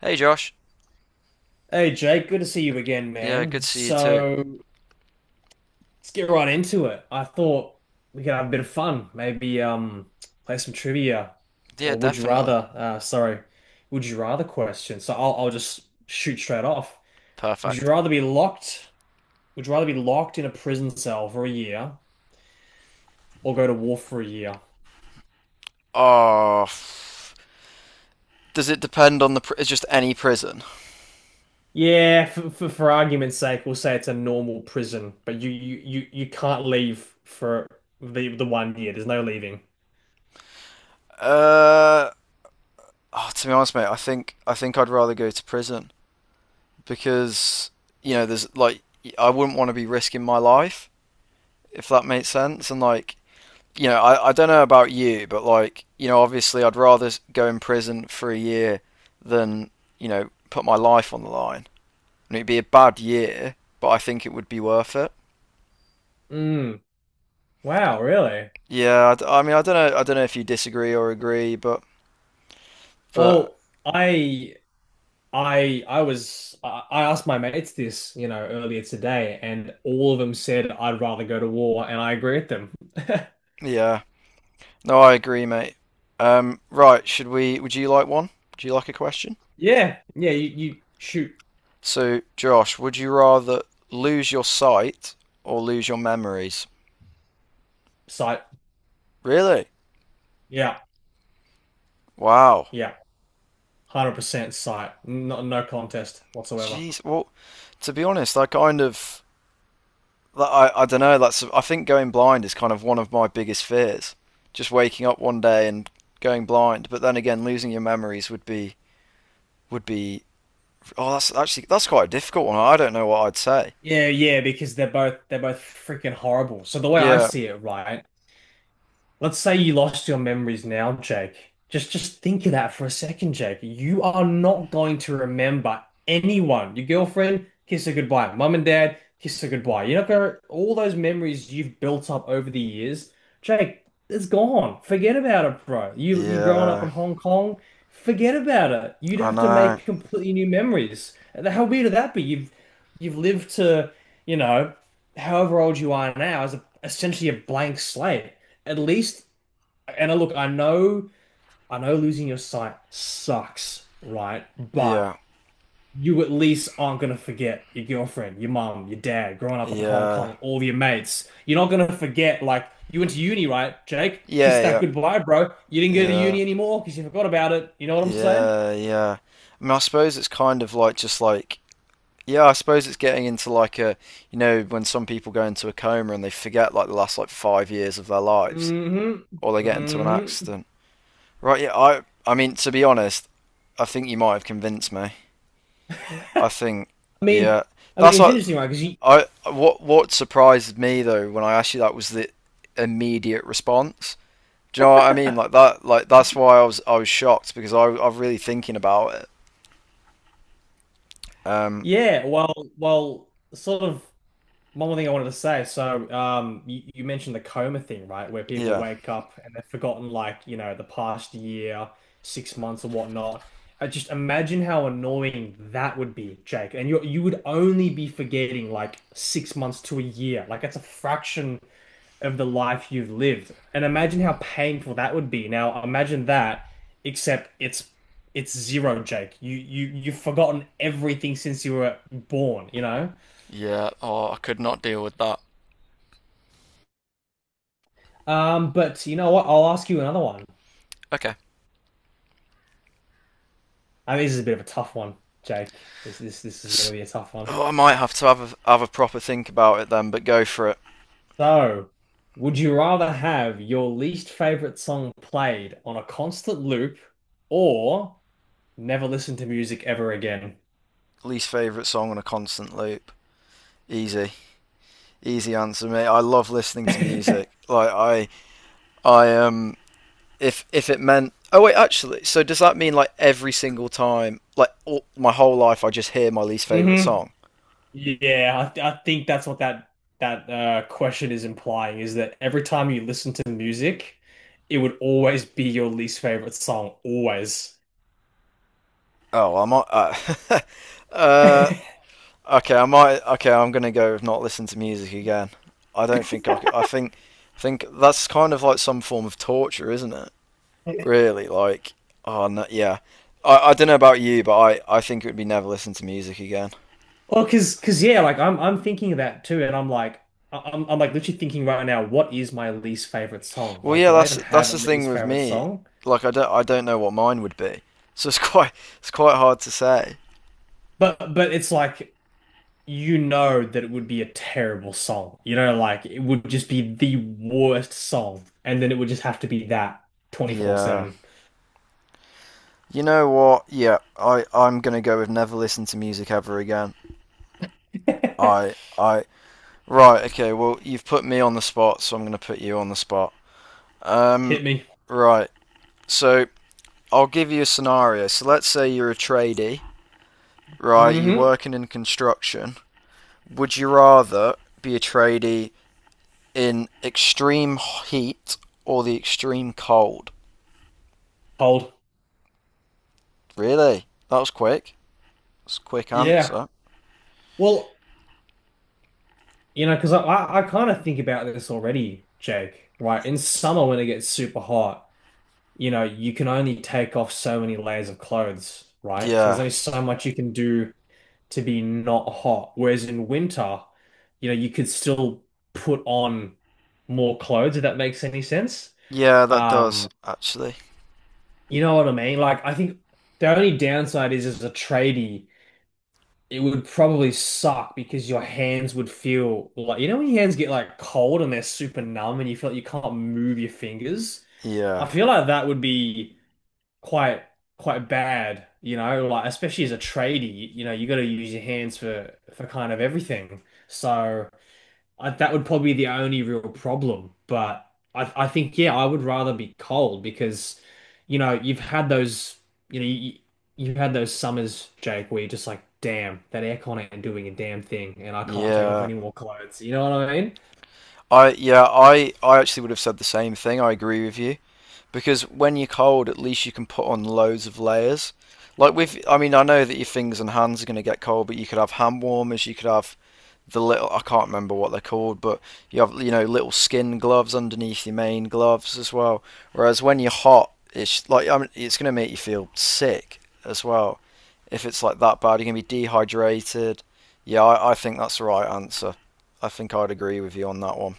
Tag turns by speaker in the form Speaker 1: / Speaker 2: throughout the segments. Speaker 1: Hey, Josh.
Speaker 2: Hey Jake, good to see you again,
Speaker 1: Yeah, good
Speaker 2: man.
Speaker 1: to see you too.
Speaker 2: So let's get right into it. I thought we could have a bit of fun, maybe play some trivia,
Speaker 1: Yeah,
Speaker 2: or would you
Speaker 1: definitely.
Speaker 2: rather sorry, would you rather question. So I'll just shoot straight off. Would
Speaker 1: Perfect.
Speaker 2: you rather be locked? Would you rather be locked in a prison cell for a year or go to war for a year?
Speaker 1: Oh, does it depend on the? It's just any prison.
Speaker 2: Yeah, for argument's sake, we'll say it's a normal prison, but you can't leave for the one year. There's no leaving.
Speaker 1: Uh, oh, to be honest, mate, I think I'd rather go to prison because there's like I wouldn't want to be risking my life if that makes sense. And like I don't know about you, but like obviously I'd rather go in prison for a year than put my life on the line. And it'd be a bad year, but I think it would be worth it.
Speaker 2: Mm. Wow, really?
Speaker 1: Yeah, I mean, I don't know. I don't know if you disagree or agree, but
Speaker 2: Well, I was I asked my mates this, earlier today, and all of them said I'd rather go to war, and I agree with them.
Speaker 1: yeah, no, I agree, mate. Right, should we? Would you like one? Do you like a question?
Speaker 2: Yeah, yeah, you shoot
Speaker 1: So, Josh, would you rather lose your sight or lose your memories?
Speaker 2: sight.
Speaker 1: Really?
Speaker 2: Yeah,
Speaker 1: Wow.
Speaker 2: yeah, 100% sight. No, no contest whatsoever.
Speaker 1: Jeez. Well, to be honest, I kind of, like, I don't know. That's I think going blind is kind of one of my biggest fears. Just waking up one day and going blind. But then again, losing your memories would be. Oh, that's actually that's quite a difficult one. I don't know what I'd say.
Speaker 2: Yeah, yeah, because they're both freaking horrible. So the way I
Speaker 1: Yeah,
Speaker 2: see it, right, let's say you lost your memories now, Jake. Just think of that for a second, Jake. You are not going to remember anyone. Your girlfriend, kiss her goodbye. Mum and dad, kiss her goodbye. You're not gonna all those memories you've built up over the years, Jake, it's gone. Forget about it, bro. You growing up
Speaker 1: yeah,
Speaker 2: in Hong Kong, forget about it. You'd
Speaker 1: I
Speaker 2: have to
Speaker 1: know.
Speaker 2: make completely new memories. How weird would that be? You've lived to, you know, however old you are now as a, essentially a blank slate at least, and look, I know losing your sight sucks, right? But
Speaker 1: Yeah,
Speaker 2: you at least aren't gonna forget your girlfriend, your mom, your dad, growing up in Hong
Speaker 1: yeah,
Speaker 2: Kong, all your mates. You're not gonna forget, like, you went to uni, right, Jake? Kiss
Speaker 1: yeah,
Speaker 2: that
Speaker 1: yeah,
Speaker 2: goodbye, bro. You didn't go to
Speaker 1: yeah,
Speaker 2: uni anymore because you forgot about it. You know what I'm saying?
Speaker 1: yeah, yeah. I mean, I suppose it's kind of like just like, yeah, I suppose it's getting into like a, when some people go into a coma and they forget like the last like 5 years of their lives,
Speaker 2: Mm hmm,
Speaker 1: or they get into
Speaker 2: mm
Speaker 1: an
Speaker 2: hmm.
Speaker 1: accident. Right? Yeah, I mean, to be honest, I think you might have convinced me. I think,
Speaker 2: I mean,
Speaker 1: yeah,
Speaker 2: I mean,
Speaker 1: that's
Speaker 2: it's
Speaker 1: like,
Speaker 2: interesting, right? Because you,
Speaker 1: I what surprised me though when I asked you that was the immediate response. Do you know what I mean? Like that. Like that's why I was shocked because I'm really thinking about it. Um.
Speaker 2: yeah, well, sort of. One more thing I wanted to say. So, you mentioned the coma thing, right? Where people
Speaker 1: Yeah.
Speaker 2: wake up and they've forgotten, like, the past year, 6 months or whatnot. I just imagine how annoying that would be, Jake. And you would only be forgetting like 6 months to a year. Like, that's a fraction of the life you've lived. And imagine how painful that would be. Now, imagine that, except it's zero, Jake. You've forgotten everything since you were born, you know?
Speaker 1: Yeah. Oh, I could not deal with that.
Speaker 2: But you know what? I'll ask you another one.
Speaker 1: Okay.
Speaker 2: I mean, this is a bit of a tough one, Jake. This is going to be a tough one.
Speaker 1: Oh, I might have to have a proper think about it then. But go for it.
Speaker 2: So, would you rather have your least favorite song played on a constant loop, or never listen to music ever again?
Speaker 1: Least favorite song on a constant loop. Easy. Easy answer, mate. I love listening to music. Like I if it meant, oh, wait, actually, so does that mean like every single time, like, all, my whole life I just hear my least favorite
Speaker 2: Hmm.
Speaker 1: song?
Speaker 2: Yeah, I think that's what that question is implying is that every time you listen to music, it would always be your least favorite song, always.
Speaker 1: Oh, I might. Uh, okay, I might. Okay, I'm gonna go with not listen to music again. I don't think I could. I think that's kind of like some form of torture, isn't it? Really, like, oh no, yeah. I don't know about you, but I think it would be never listen to music again.
Speaker 2: Well, because yeah, like I'm thinking of that too, and I'm like I'm like literally thinking right now, what is my least favorite song?
Speaker 1: Well,
Speaker 2: Like,
Speaker 1: yeah,
Speaker 2: do I
Speaker 1: that's
Speaker 2: even have
Speaker 1: that's
Speaker 2: a
Speaker 1: the thing
Speaker 2: least
Speaker 1: with
Speaker 2: favorite
Speaker 1: me.
Speaker 2: song?
Speaker 1: Like, I don't know what mine would be, so it's quite it's quite hard to say.
Speaker 2: But it's like you know that it would be a terrible song. You know, like it would just be the worst song, and then it would just have to be that
Speaker 1: Yeah,
Speaker 2: 24/7.
Speaker 1: you know what? Yeah, I'm gonna go with never listen to music ever again. I I right okay. Well, you've put me on the spot, so I'm gonna put you on the spot. Um,
Speaker 2: Hit me.
Speaker 1: right. So I'll give you a scenario. So let's say you're a tradie, right? You're
Speaker 2: Mm-hmm.
Speaker 1: working in construction. Would you rather be a tradie in extreme heat or the extreme cold?
Speaker 2: Cold.
Speaker 1: Really? That was quick. That's a quick
Speaker 2: Yeah.
Speaker 1: answer.
Speaker 2: Well, you know, because I kind of think about this already, Jake. Right? In summer when it gets super hot. You know, you can only take off so many layers of clothes, right? So there's
Speaker 1: Yeah.
Speaker 2: only so much you can do to be not hot. Whereas in winter, you know, you could still put on more clothes, if that makes any sense.
Speaker 1: Yeah, that does
Speaker 2: Um,
Speaker 1: actually.
Speaker 2: you know what I mean? Like, I think the only downside is as a tradie, it would probably suck because your hands would feel like, you know, when your hands get like cold and they're super numb and you feel like you can't move your fingers. I
Speaker 1: Yeah.
Speaker 2: feel like that would be quite quite bad, you know, like especially as a tradie, you know, you got to use your hands for kind of everything. So I, that would probably be the only real problem. But I think yeah, I would rather be cold because, you know, you've had those, you know, you've had those summers, Jake, where you're just like, damn, that aircon ain't doing a damn thing, and I can't take off
Speaker 1: Yeah.
Speaker 2: any more clothes. You know what I mean?
Speaker 1: I yeah, I actually would have said the same thing. I agree with you because when you're cold, at least you can put on loads of layers. Like with, I mean, I know that your fingers and hands are going to get cold, but you could have hand warmers, you could have the little, I can't remember what they're called, but you have little skin gloves underneath your main gloves as well. Whereas when you're hot, it's like, I mean, it's gonna make you feel sick as well. If it's like that bad, you're gonna be dehydrated. Yeah, I think that's the right answer. I think I'd agree with you on that one.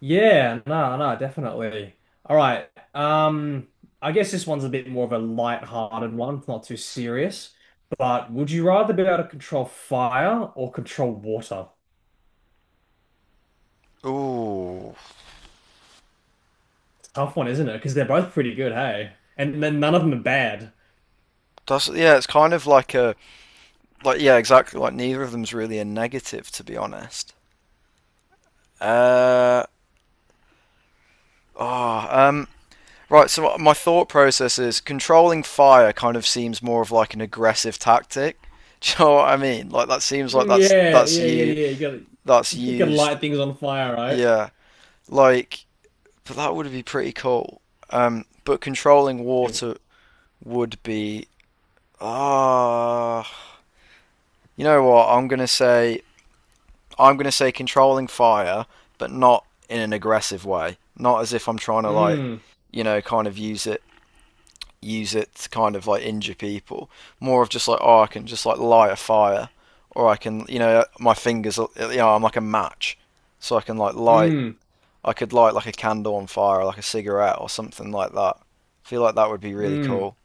Speaker 2: Yeah, no, no, definitely. All right. I guess this one's a bit more of a light-hearted one. It's not too serious. But would you rather be able to control fire or control water?
Speaker 1: Ooh,
Speaker 2: Tough one, isn't it? Because they're both pretty good, hey? And then none of them are bad.
Speaker 1: that's, yeah. It's kind of like a, like, yeah, exactly. Like neither of them's really a negative, to be honest. Uh oh, um, Right, so my thought process is controlling fire kind of seems more of like an aggressive tactic. Do you know what I mean? Like that seems like
Speaker 2: Mm,
Speaker 1: that's
Speaker 2: yeah,
Speaker 1: that's
Speaker 2: yeah, yeah,
Speaker 1: you,
Speaker 2: yeah. You
Speaker 1: that's
Speaker 2: you gotta
Speaker 1: used.
Speaker 2: light things on fire, right?
Speaker 1: Yeah, like, but that would be pretty cool. But controlling
Speaker 2: It,
Speaker 1: water would be, ah. You know what? I'm gonna say controlling fire, but not in an aggressive way. Not as if I'm trying to, like,
Speaker 2: mm,
Speaker 1: kind of use it, to kind of like injure people. More of just like, oh, I can just like light a fire, or I can, my fingers, I'm like a match, so I can like light.
Speaker 2: mm,
Speaker 1: I could light like a candle on fire, or like a cigarette, or something like that. I feel like that would be really
Speaker 2: mm.
Speaker 1: cool.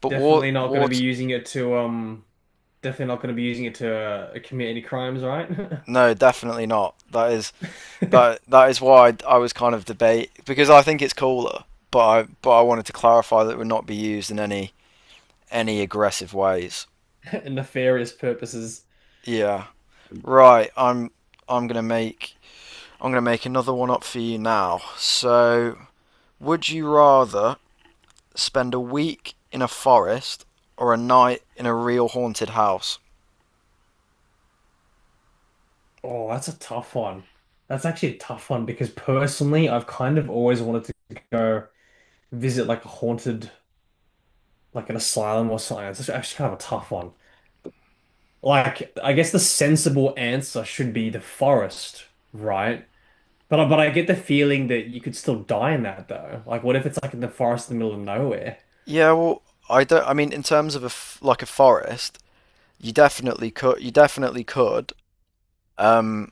Speaker 1: But
Speaker 2: Definitely not gonna be
Speaker 1: water,
Speaker 2: using it to, definitely not gonna be using it to commit any crimes, right?
Speaker 1: no, definitely not. That is, that is why I was kind of debate, because I think it's cooler, but I wanted to clarify that it would not be used in any aggressive ways.
Speaker 2: And nefarious purposes.
Speaker 1: Yeah. Right, I'm gonna make I'm going to make another one up for you now. So, would you rather spend a week in a forest or a night in a real haunted house?
Speaker 2: Oh, that's a tough one. That's actually a tough one because personally, I've kind of always wanted to go visit like a haunted, like an asylum or something. It's actually kind of a tough one. Like, I guess the sensible answer should be the forest, right? But but I get the feeling that you could still die in that though. Like, what if it's like in the forest in the middle of nowhere?
Speaker 1: Yeah, well, I don't. I mean, in terms of a forest, you definitely could. You definitely could. Um,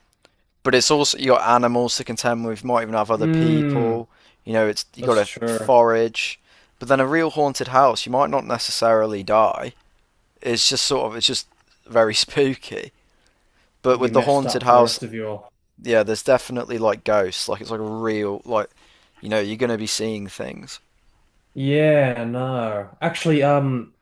Speaker 1: but it's also, you got animals to contend with. You might even have other
Speaker 2: Mm,
Speaker 1: people. You know, it's, you got
Speaker 2: that's
Speaker 1: to
Speaker 2: true.
Speaker 1: forage. But then a real haunted house, you might not necessarily die. It's just very spooky. But
Speaker 2: You'd be
Speaker 1: with the
Speaker 2: messed
Speaker 1: haunted
Speaker 2: up for the
Speaker 1: house,
Speaker 2: rest of your.
Speaker 1: yeah, there's definitely like ghosts. Like it's like a real, like, you know, you're gonna be seeing things.
Speaker 2: Yeah, no. Actually,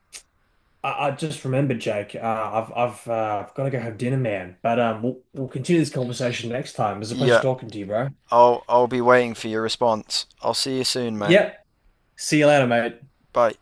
Speaker 2: I just remembered, Jake. I've I've got to go have dinner, man. But we'll continue this conversation next time. It was a pleasure
Speaker 1: Yeah,
Speaker 2: talking to you, bro.
Speaker 1: I'll be waiting for your response. I'll see you soon, mate.
Speaker 2: Yep. See you later, mate.
Speaker 1: Bye.